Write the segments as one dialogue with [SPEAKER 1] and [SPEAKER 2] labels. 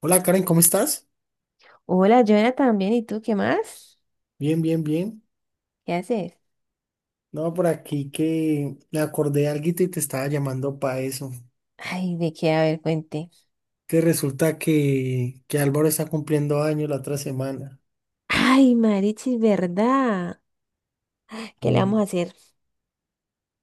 [SPEAKER 1] Hola Karen, ¿cómo estás?
[SPEAKER 2] Hola, Joana, también. ¿Y tú qué más?
[SPEAKER 1] Bien, bien, bien.
[SPEAKER 2] ¿Qué haces?
[SPEAKER 1] No, por aquí que me acordé de alguito y te estaba llamando para eso.
[SPEAKER 2] Ay, ¿de qué? A ver, cuente.
[SPEAKER 1] Que resulta que Álvaro está cumpliendo años la otra semana.
[SPEAKER 2] Ay, Marichis, ¿verdad? ¿Qué le
[SPEAKER 1] Y
[SPEAKER 2] vamos a hacer?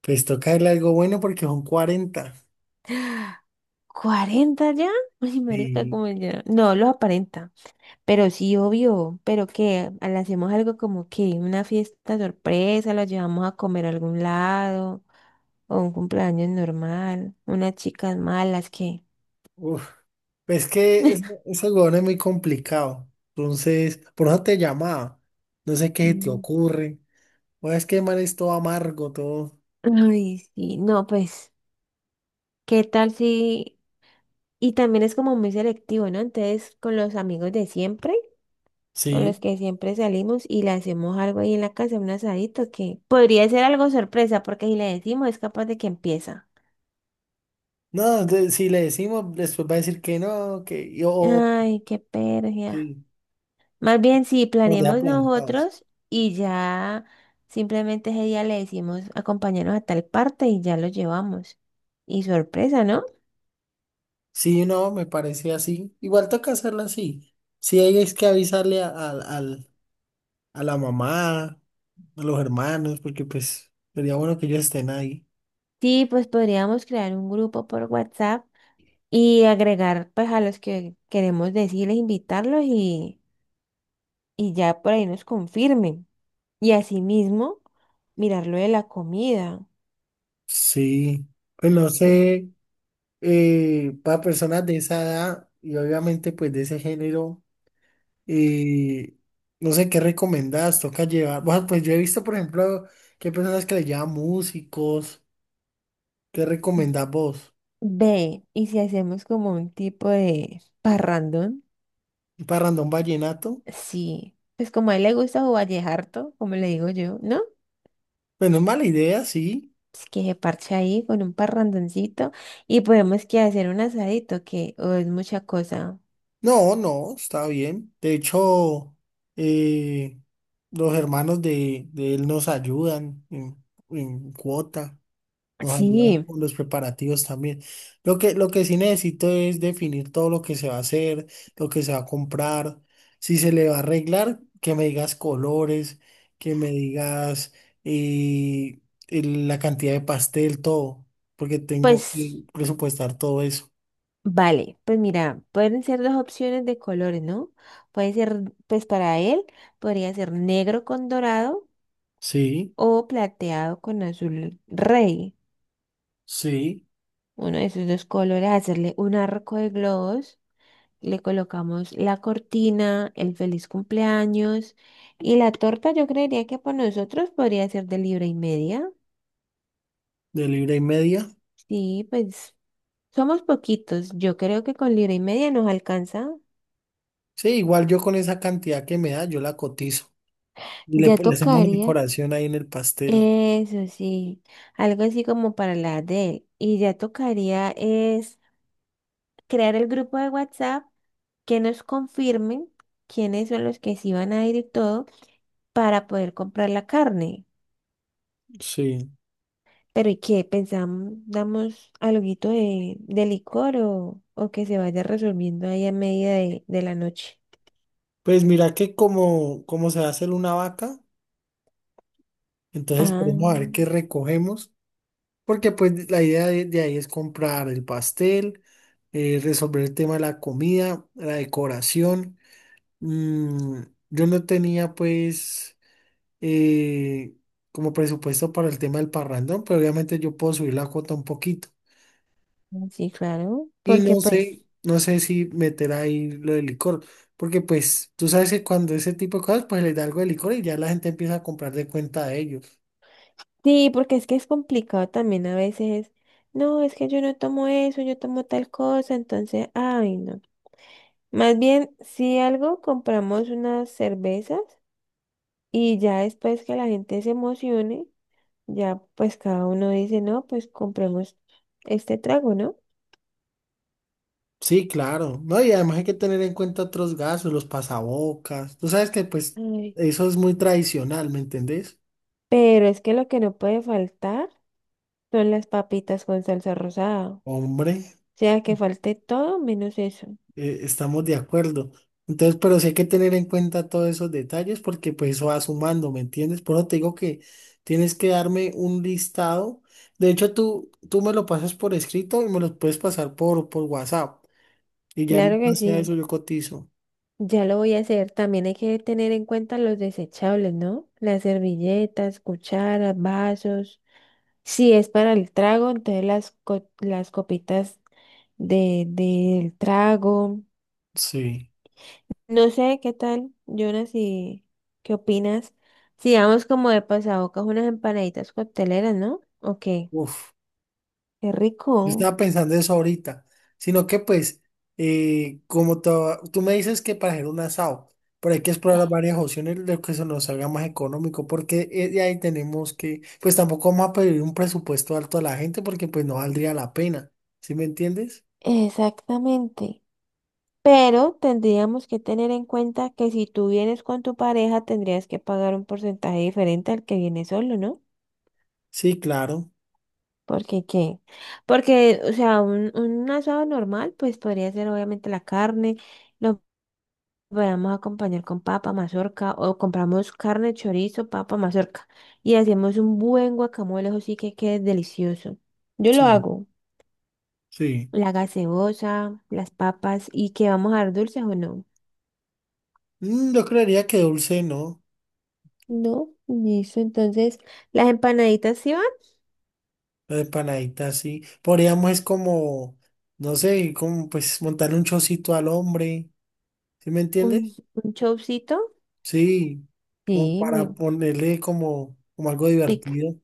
[SPEAKER 1] pues toca darle algo bueno porque son 40.
[SPEAKER 2] ¿40 ya? Ay, marica,
[SPEAKER 1] Y
[SPEAKER 2] como ya. No, lo aparenta. Pero sí, obvio. ¿Pero qué? ¿Le hacemos algo como que una fiesta sorpresa? ¿Lo llevamos a comer a algún lado? ¿O un cumpleaños normal? ¿Unas chicas malas? ¿Qué?
[SPEAKER 1] uf, pues ese huevón es muy complicado. Entonces, por eso te llamaba. No sé qué se te
[SPEAKER 2] Mm.
[SPEAKER 1] ocurre. O es que el man es todo amargo, todo.
[SPEAKER 2] Ay, sí. No, pues, ¿qué tal si...? Y también es como muy selectivo, ¿no? Entonces, con los amigos de siempre, con
[SPEAKER 1] Sí.
[SPEAKER 2] los que siempre salimos y le hacemos algo ahí en la casa, un asadito, que podría ser algo sorpresa, porque si le decimos es capaz de que empieza.
[SPEAKER 1] No, si le decimos, después va a decir que no, que yo.
[SPEAKER 2] Ay, qué pérdida.
[SPEAKER 1] Sí.
[SPEAKER 2] Más bien, si
[SPEAKER 1] Nos deja
[SPEAKER 2] planeamos
[SPEAKER 1] plantados.
[SPEAKER 2] nosotros y ya simplemente ese día le decimos acompañarnos a tal parte y ya lo llevamos. Y sorpresa, ¿no?
[SPEAKER 1] Sí, no, me parece así. Igual toca hacerla así. Sí, hay es que avisarle a la mamá, a los hermanos, porque pues sería bueno que ellos estén ahí.
[SPEAKER 2] Sí, pues podríamos crear un grupo por WhatsApp y agregar pues a los que queremos decirles, invitarlos y ya por ahí nos confirmen. Y asimismo, mirar lo de la comida.
[SPEAKER 1] Sí, pues no
[SPEAKER 2] por-
[SPEAKER 1] sé, para personas de esa edad y obviamente pues de ese género, eh, no sé qué recomendás, toca llevar. Bueno, pues yo he visto, por ejemplo, que hay personas que le llevan músicos. ¿Qué recomendás vos?
[SPEAKER 2] Ve, y si hacemos como un tipo de parrandón,
[SPEAKER 1] ¿Un parrandón vallenato?
[SPEAKER 2] sí, pues como a él le gusta o vallejarto, como le digo yo, ¿no?
[SPEAKER 1] Pues no es mala idea, sí.
[SPEAKER 2] Pues que se parche ahí con un parrandoncito y podemos que hacer un asadito, que o es mucha cosa.
[SPEAKER 1] No, no, está bien. De hecho, eh, los hermanos de él nos ayudan en cuota, nos ayudan
[SPEAKER 2] Sí,
[SPEAKER 1] con los preparativos también. Lo que sí necesito es definir todo lo que se va a hacer, lo que se va a comprar, si se le va a arreglar, que me digas colores, que me digas eh, la cantidad de pastel, todo, porque tengo
[SPEAKER 2] pues.
[SPEAKER 1] que presupuestar todo eso.
[SPEAKER 2] Vale, pues mira, pueden ser dos opciones de colores, ¿no? Puede ser, pues para él, podría ser negro con dorado
[SPEAKER 1] Sí,
[SPEAKER 2] o plateado con azul rey.
[SPEAKER 1] sí,
[SPEAKER 2] Uno de esos dos colores, hacerle un arco de globos, le colocamos la cortina, el feliz cumpleaños y la torta yo creería que para nosotros podría ser de libra y media.
[SPEAKER 1] de libra y media.
[SPEAKER 2] Sí, pues somos poquitos, yo creo que con libra y media nos alcanza.
[SPEAKER 1] Sí, igual yo con esa cantidad que me da, yo la cotizo. Y le,
[SPEAKER 2] Ya
[SPEAKER 1] le hacemos una
[SPEAKER 2] tocaría.
[SPEAKER 1] decoración ahí en el pastel.
[SPEAKER 2] Eso sí, algo así como para la de él. Y ya tocaría es crear el grupo de WhatsApp que nos confirmen quiénes son los que sí van a ir y todo para poder comprar la carne.
[SPEAKER 1] Sí.
[SPEAKER 2] Pero ¿y qué? ¿Pensamos, damos alguito de licor o que se vaya resolviendo ahí a medida de la noche?
[SPEAKER 1] Pues mira que como se va a hacer una vaca, entonces
[SPEAKER 2] Ah,
[SPEAKER 1] podemos a ver qué recogemos. Porque pues la idea de ahí es comprar el pastel, resolver el tema de la comida, la decoración. Mm, yo no tenía pues eh, como presupuesto para el tema del parrandón, pero obviamente yo puedo subir la cuota un poquito.
[SPEAKER 2] sí, claro,
[SPEAKER 1] Y
[SPEAKER 2] porque
[SPEAKER 1] no
[SPEAKER 2] pues...
[SPEAKER 1] sé, no sé si meter ahí lo de licor, porque pues tú sabes que cuando ese tipo de cosas, pues le da algo de licor y ya la gente empieza a comprar de cuenta de ellos.
[SPEAKER 2] Sí, porque es que es complicado también a veces. No, es que yo no tomo eso, yo tomo tal cosa, entonces, ay, no. Más bien, si algo, compramos unas cervezas y ya después que la gente se emocione, ya pues cada uno dice, no, pues compremos este trago, ¿no?
[SPEAKER 1] Sí, claro, ¿no? Y además hay que tener en cuenta otros gastos, los pasabocas. Tú sabes que pues
[SPEAKER 2] Ay,
[SPEAKER 1] eso es muy tradicional, ¿me entendés?
[SPEAKER 2] pero es que lo que no puede faltar son las papitas con salsa rosada. O
[SPEAKER 1] Hombre.
[SPEAKER 2] sea, que falte todo menos eso.
[SPEAKER 1] Estamos de acuerdo. Entonces, pero sí hay que tener en cuenta todos esos detalles porque pues eso va sumando, ¿me entiendes? Por eso te digo que tienes que darme un listado. De hecho, tú me lo pasas por escrito y me lo puedes pasar por, WhatsApp. Y ya
[SPEAKER 2] Claro
[SPEAKER 1] en
[SPEAKER 2] que
[SPEAKER 1] base a eso
[SPEAKER 2] sí.
[SPEAKER 1] yo cotizo.
[SPEAKER 2] Ya lo voy a hacer. También hay que tener en cuenta los desechables, ¿no? Las servilletas, cucharas, vasos. Si es para el trago, entonces las copitas del trago.
[SPEAKER 1] Sí.
[SPEAKER 2] No sé qué tal, Jonas, y qué opinas. Si vamos como de pasabocas unas empanaditas cocteleras, ¿no? Ok,
[SPEAKER 1] Uf.
[SPEAKER 2] qué
[SPEAKER 1] Yo
[SPEAKER 2] rico.
[SPEAKER 1] estaba pensando eso ahorita, sino que pues, como tú me dices que para hacer un asado, pero hay que explorar varias opciones de que se nos salga más económico, porque de ahí tenemos que, pues tampoco vamos a pedir un presupuesto alto a la gente porque pues no valdría la pena, ¿sí me entiendes?
[SPEAKER 2] Exactamente. Pero tendríamos que tener en cuenta que si tú vienes con tu pareja, tendrías que pagar un porcentaje diferente al que viene solo, ¿no?
[SPEAKER 1] Sí, claro,
[SPEAKER 2] ¿Porque qué? Porque, o sea, un asado normal, pues podría ser obviamente la carne, lo podemos acompañar con papa, mazorca, o compramos carne, chorizo, papa, mazorca, y hacemos un buen guacamole, ¿o sí que quede delicioso? Yo lo
[SPEAKER 1] sí,
[SPEAKER 2] hago,
[SPEAKER 1] sí.
[SPEAKER 2] la gaseosa, las papas, y que vamos a dar dulces o no.
[SPEAKER 1] Yo creería que dulce, ¿no?
[SPEAKER 2] No, listo. Entonces, las empanaditas sí van,
[SPEAKER 1] La empanadita, sí. Podríamos es como, no sé, como pues montarle un chocito al hombre, ¿sí me
[SPEAKER 2] un,
[SPEAKER 1] entiendes?
[SPEAKER 2] un chopsito.
[SPEAKER 1] Sí, como
[SPEAKER 2] Sí,
[SPEAKER 1] para
[SPEAKER 2] me
[SPEAKER 1] ponerle como, algo
[SPEAKER 2] pica.
[SPEAKER 1] divertido.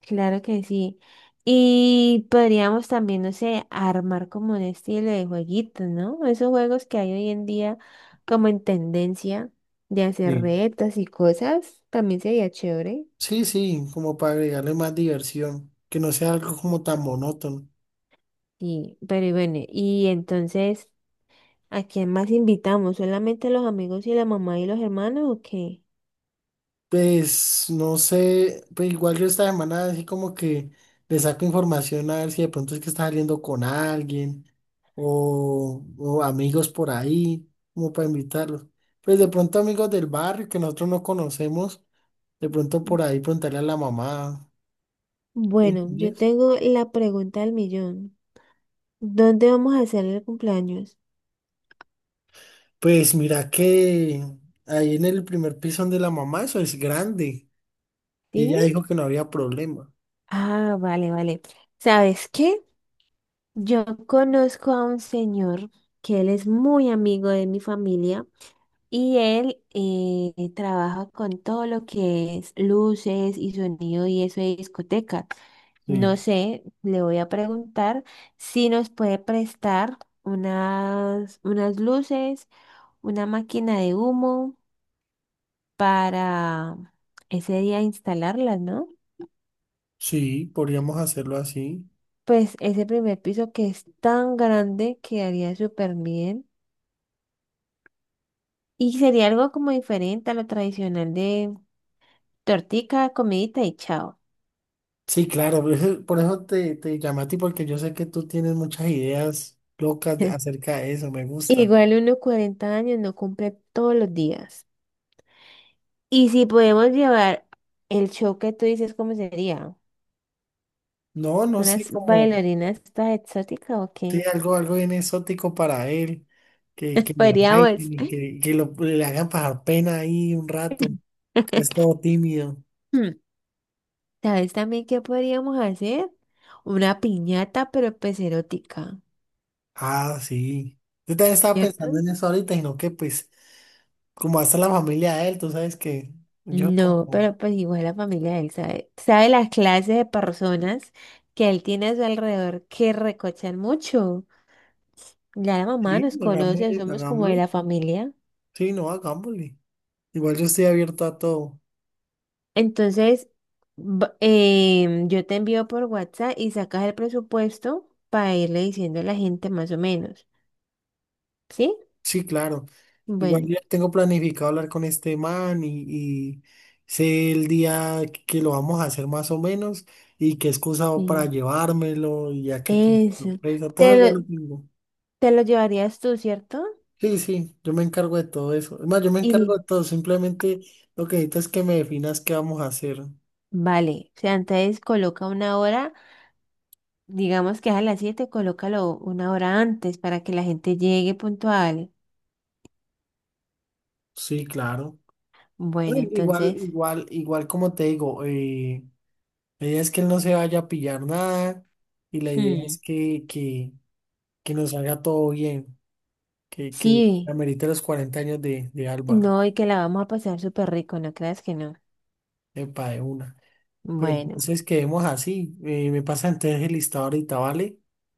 [SPEAKER 2] Claro que sí. Y podríamos también, no sé, armar como un estilo de jueguito, ¿no? Esos juegos que hay hoy en día como en tendencia de hacer
[SPEAKER 1] Sí.
[SPEAKER 2] retas y cosas, también sería chévere.
[SPEAKER 1] Sí, sí, como para agregarle más diversión, que no sea algo como tan monótono.
[SPEAKER 2] Sí, pero y bueno, y entonces, ¿a quién más invitamos? ¿Solamente los amigos y la mamá y los hermanos o qué?
[SPEAKER 1] Pues no sé, pues igual yo esta semana así como que le saco información a ver si de pronto es que está saliendo con alguien o amigos por ahí, como para invitarlos. Pues de pronto amigos del barrio que nosotros no conocemos, de pronto por ahí preguntarle a la mamá. ¿Sí?
[SPEAKER 2] Bueno, yo tengo la pregunta del millón. ¿Dónde vamos a hacer el cumpleaños?
[SPEAKER 1] Pues mira que ahí en el primer piso donde la mamá, eso es grande. Y
[SPEAKER 2] ¿Sí?
[SPEAKER 1] ella dijo que no había problema.
[SPEAKER 2] Ah, vale, vale. ¿Sabes qué? Yo conozco a un señor que él es muy amigo de mi familia y él trabaja con todo lo que es luces y sonido y eso de discoteca.
[SPEAKER 1] Sí.
[SPEAKER 2] No sé, le voy a preguntar si nos puede prestar unas luces, una máquina de humo para ese día instalarlas, ¿no?
[SPEAKER 1] Sí, podríamos hacerlo así.
[SPEAKER 2] Pues ese primer piso que es tan grande quedaría súper bien. Y sería algo como diferente a lo tradicional de tortica, comidita y chao.
[SPEAKER 1] Sí, claro, por eso, te llamé a ti, porque yo sé que tú tienes muchas ideas locas acerca de eso, me gusta.
[SPEAKER 2] Igual uno 40 años no cumple todos los días. Y si podemos llevar el show que tú dices, ¿cómo sería?
[SPEAKER 1] No, no sé,
[SPEAKER 2] ¿Unas
[SPEAKER 1] como,
[SPEAKER 2] bailarinas estas exóticas o
[SPEAKER 1] sí,
[SPEAKER 2] qué?
[SPEAKER 1] algo, bien exótico para él, que, le
[SPEAKER 2] Podríamos.
[SPEAKER 1] bailen y que le hagan pasar pena ahí un rato, que es todo tímido.
[SPEAKER 2] ¿Sabes también qué podríamos hacer? Una piñata, pero pues erótica,
[SPEAKER 1] Ah, sí. Yo también estaba
[SPEAKER 2] ¿cierto?
[SPEAKER 1] pensando en eso ahorita, sino que pues como hasta la familia de él, tú sabes que yo
[SPEAKER 2] No,
[SPEAKER 1] como,
[SPEAKER 2] pero pues igual la familia de él sabe, sabe las clases de personas que él tiene a su alrededor que recochan mucho. Ya la mamá
[SPEAKER 1] sí,
[SPEAKER 2] nos conoce,
[SPEAKER 1] hagámosle,
[SPEAKER 2] somos como de
[SPEAKER 1] hagámosle,
[SPEAKER 2] la familia.
[SPEAKER 1] sí, no, hagámosle. Igual yo estoy abierto a todo.
[SPEAKER 2] Entonces, yo te envío por WhatsApp y sacas el presupuesto para irle diciendo a la gente más o menos, ¿sí?
[SPEAKER 1] Sí, claro. Igual
[SPEAKER 2] Bueno,
[SPEAKER 1] yo tengo planificado hablar con este man y sé el día que lo vamos a hacer más o menos y qué excusa hago para
[SPEAKER 2] sí.
[SPEAKER 1] llevármelo y ya que
[SPEAKER 2] Eso.
[SPEAKER 1] sorpresa, todo
[SPEAKER 2] te
[SPEAKER 1] eso ya lo
[SPEAKER 2] lo,
[SPEAKER 1] tengo.
[SPEAKER 2] ¿Te lo llevarías tú, cierto?
[SPEAKER 1] Sí, sí, yo me encargo de todo eso. Es más, yo me encargo
[SPEAKER 2] Y
[SPEAKER 1] de todo, simplemente lo que necesito es que me definas qué vamos a hacer.
[SPEAKER 2] vale, o sea, entonces coloca una hora, digamos que es a las 7, colócalo una hora antes para que la gente llegue puntual.
[SPEAKER 1] Sí, claro.
[SPEAKER 2] Bueno,
[SPEAKER 1] Ay, Igual,
[SPEAKER 2] entonces,
[SPEAKER 1] igual, igual como te digo, la idea es que él no se vaya a pillar nada y la idea
[SPEAKER 2] hmm,
[SPEAKER 1] es que, nos salga todo bien, que
[SPEAKER 2] sí,
[SPEAKER 1] amerite los 40 años de Álvaro,
[SPEAKER 2] no, y que la vamos a pasar súper rico, no creas que no.
[SPEAKER 1] epa, de una. Pues
[SPEAKER 2] Bueno,
[SPEAKER 1] entonces quedemos así, me pasa entonces el listado ahorita, ¿vale?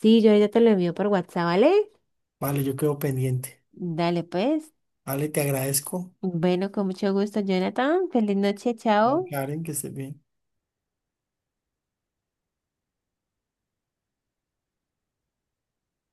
[SPEAKER 2] sí, yo ya te lo envío por WhatsApp, ¿vale?
[SPEAKER 1] Vale, yo quedo pendiente.
[SPEAKER 2] Dale pues.
[SPEAKER 1] Vale, te agradezco.
[SPEAKER 2] Bueno, con mucho gusto, Jonathan. Feliz noche, chao.
[SPEAKER 1] Karen, que estés bien.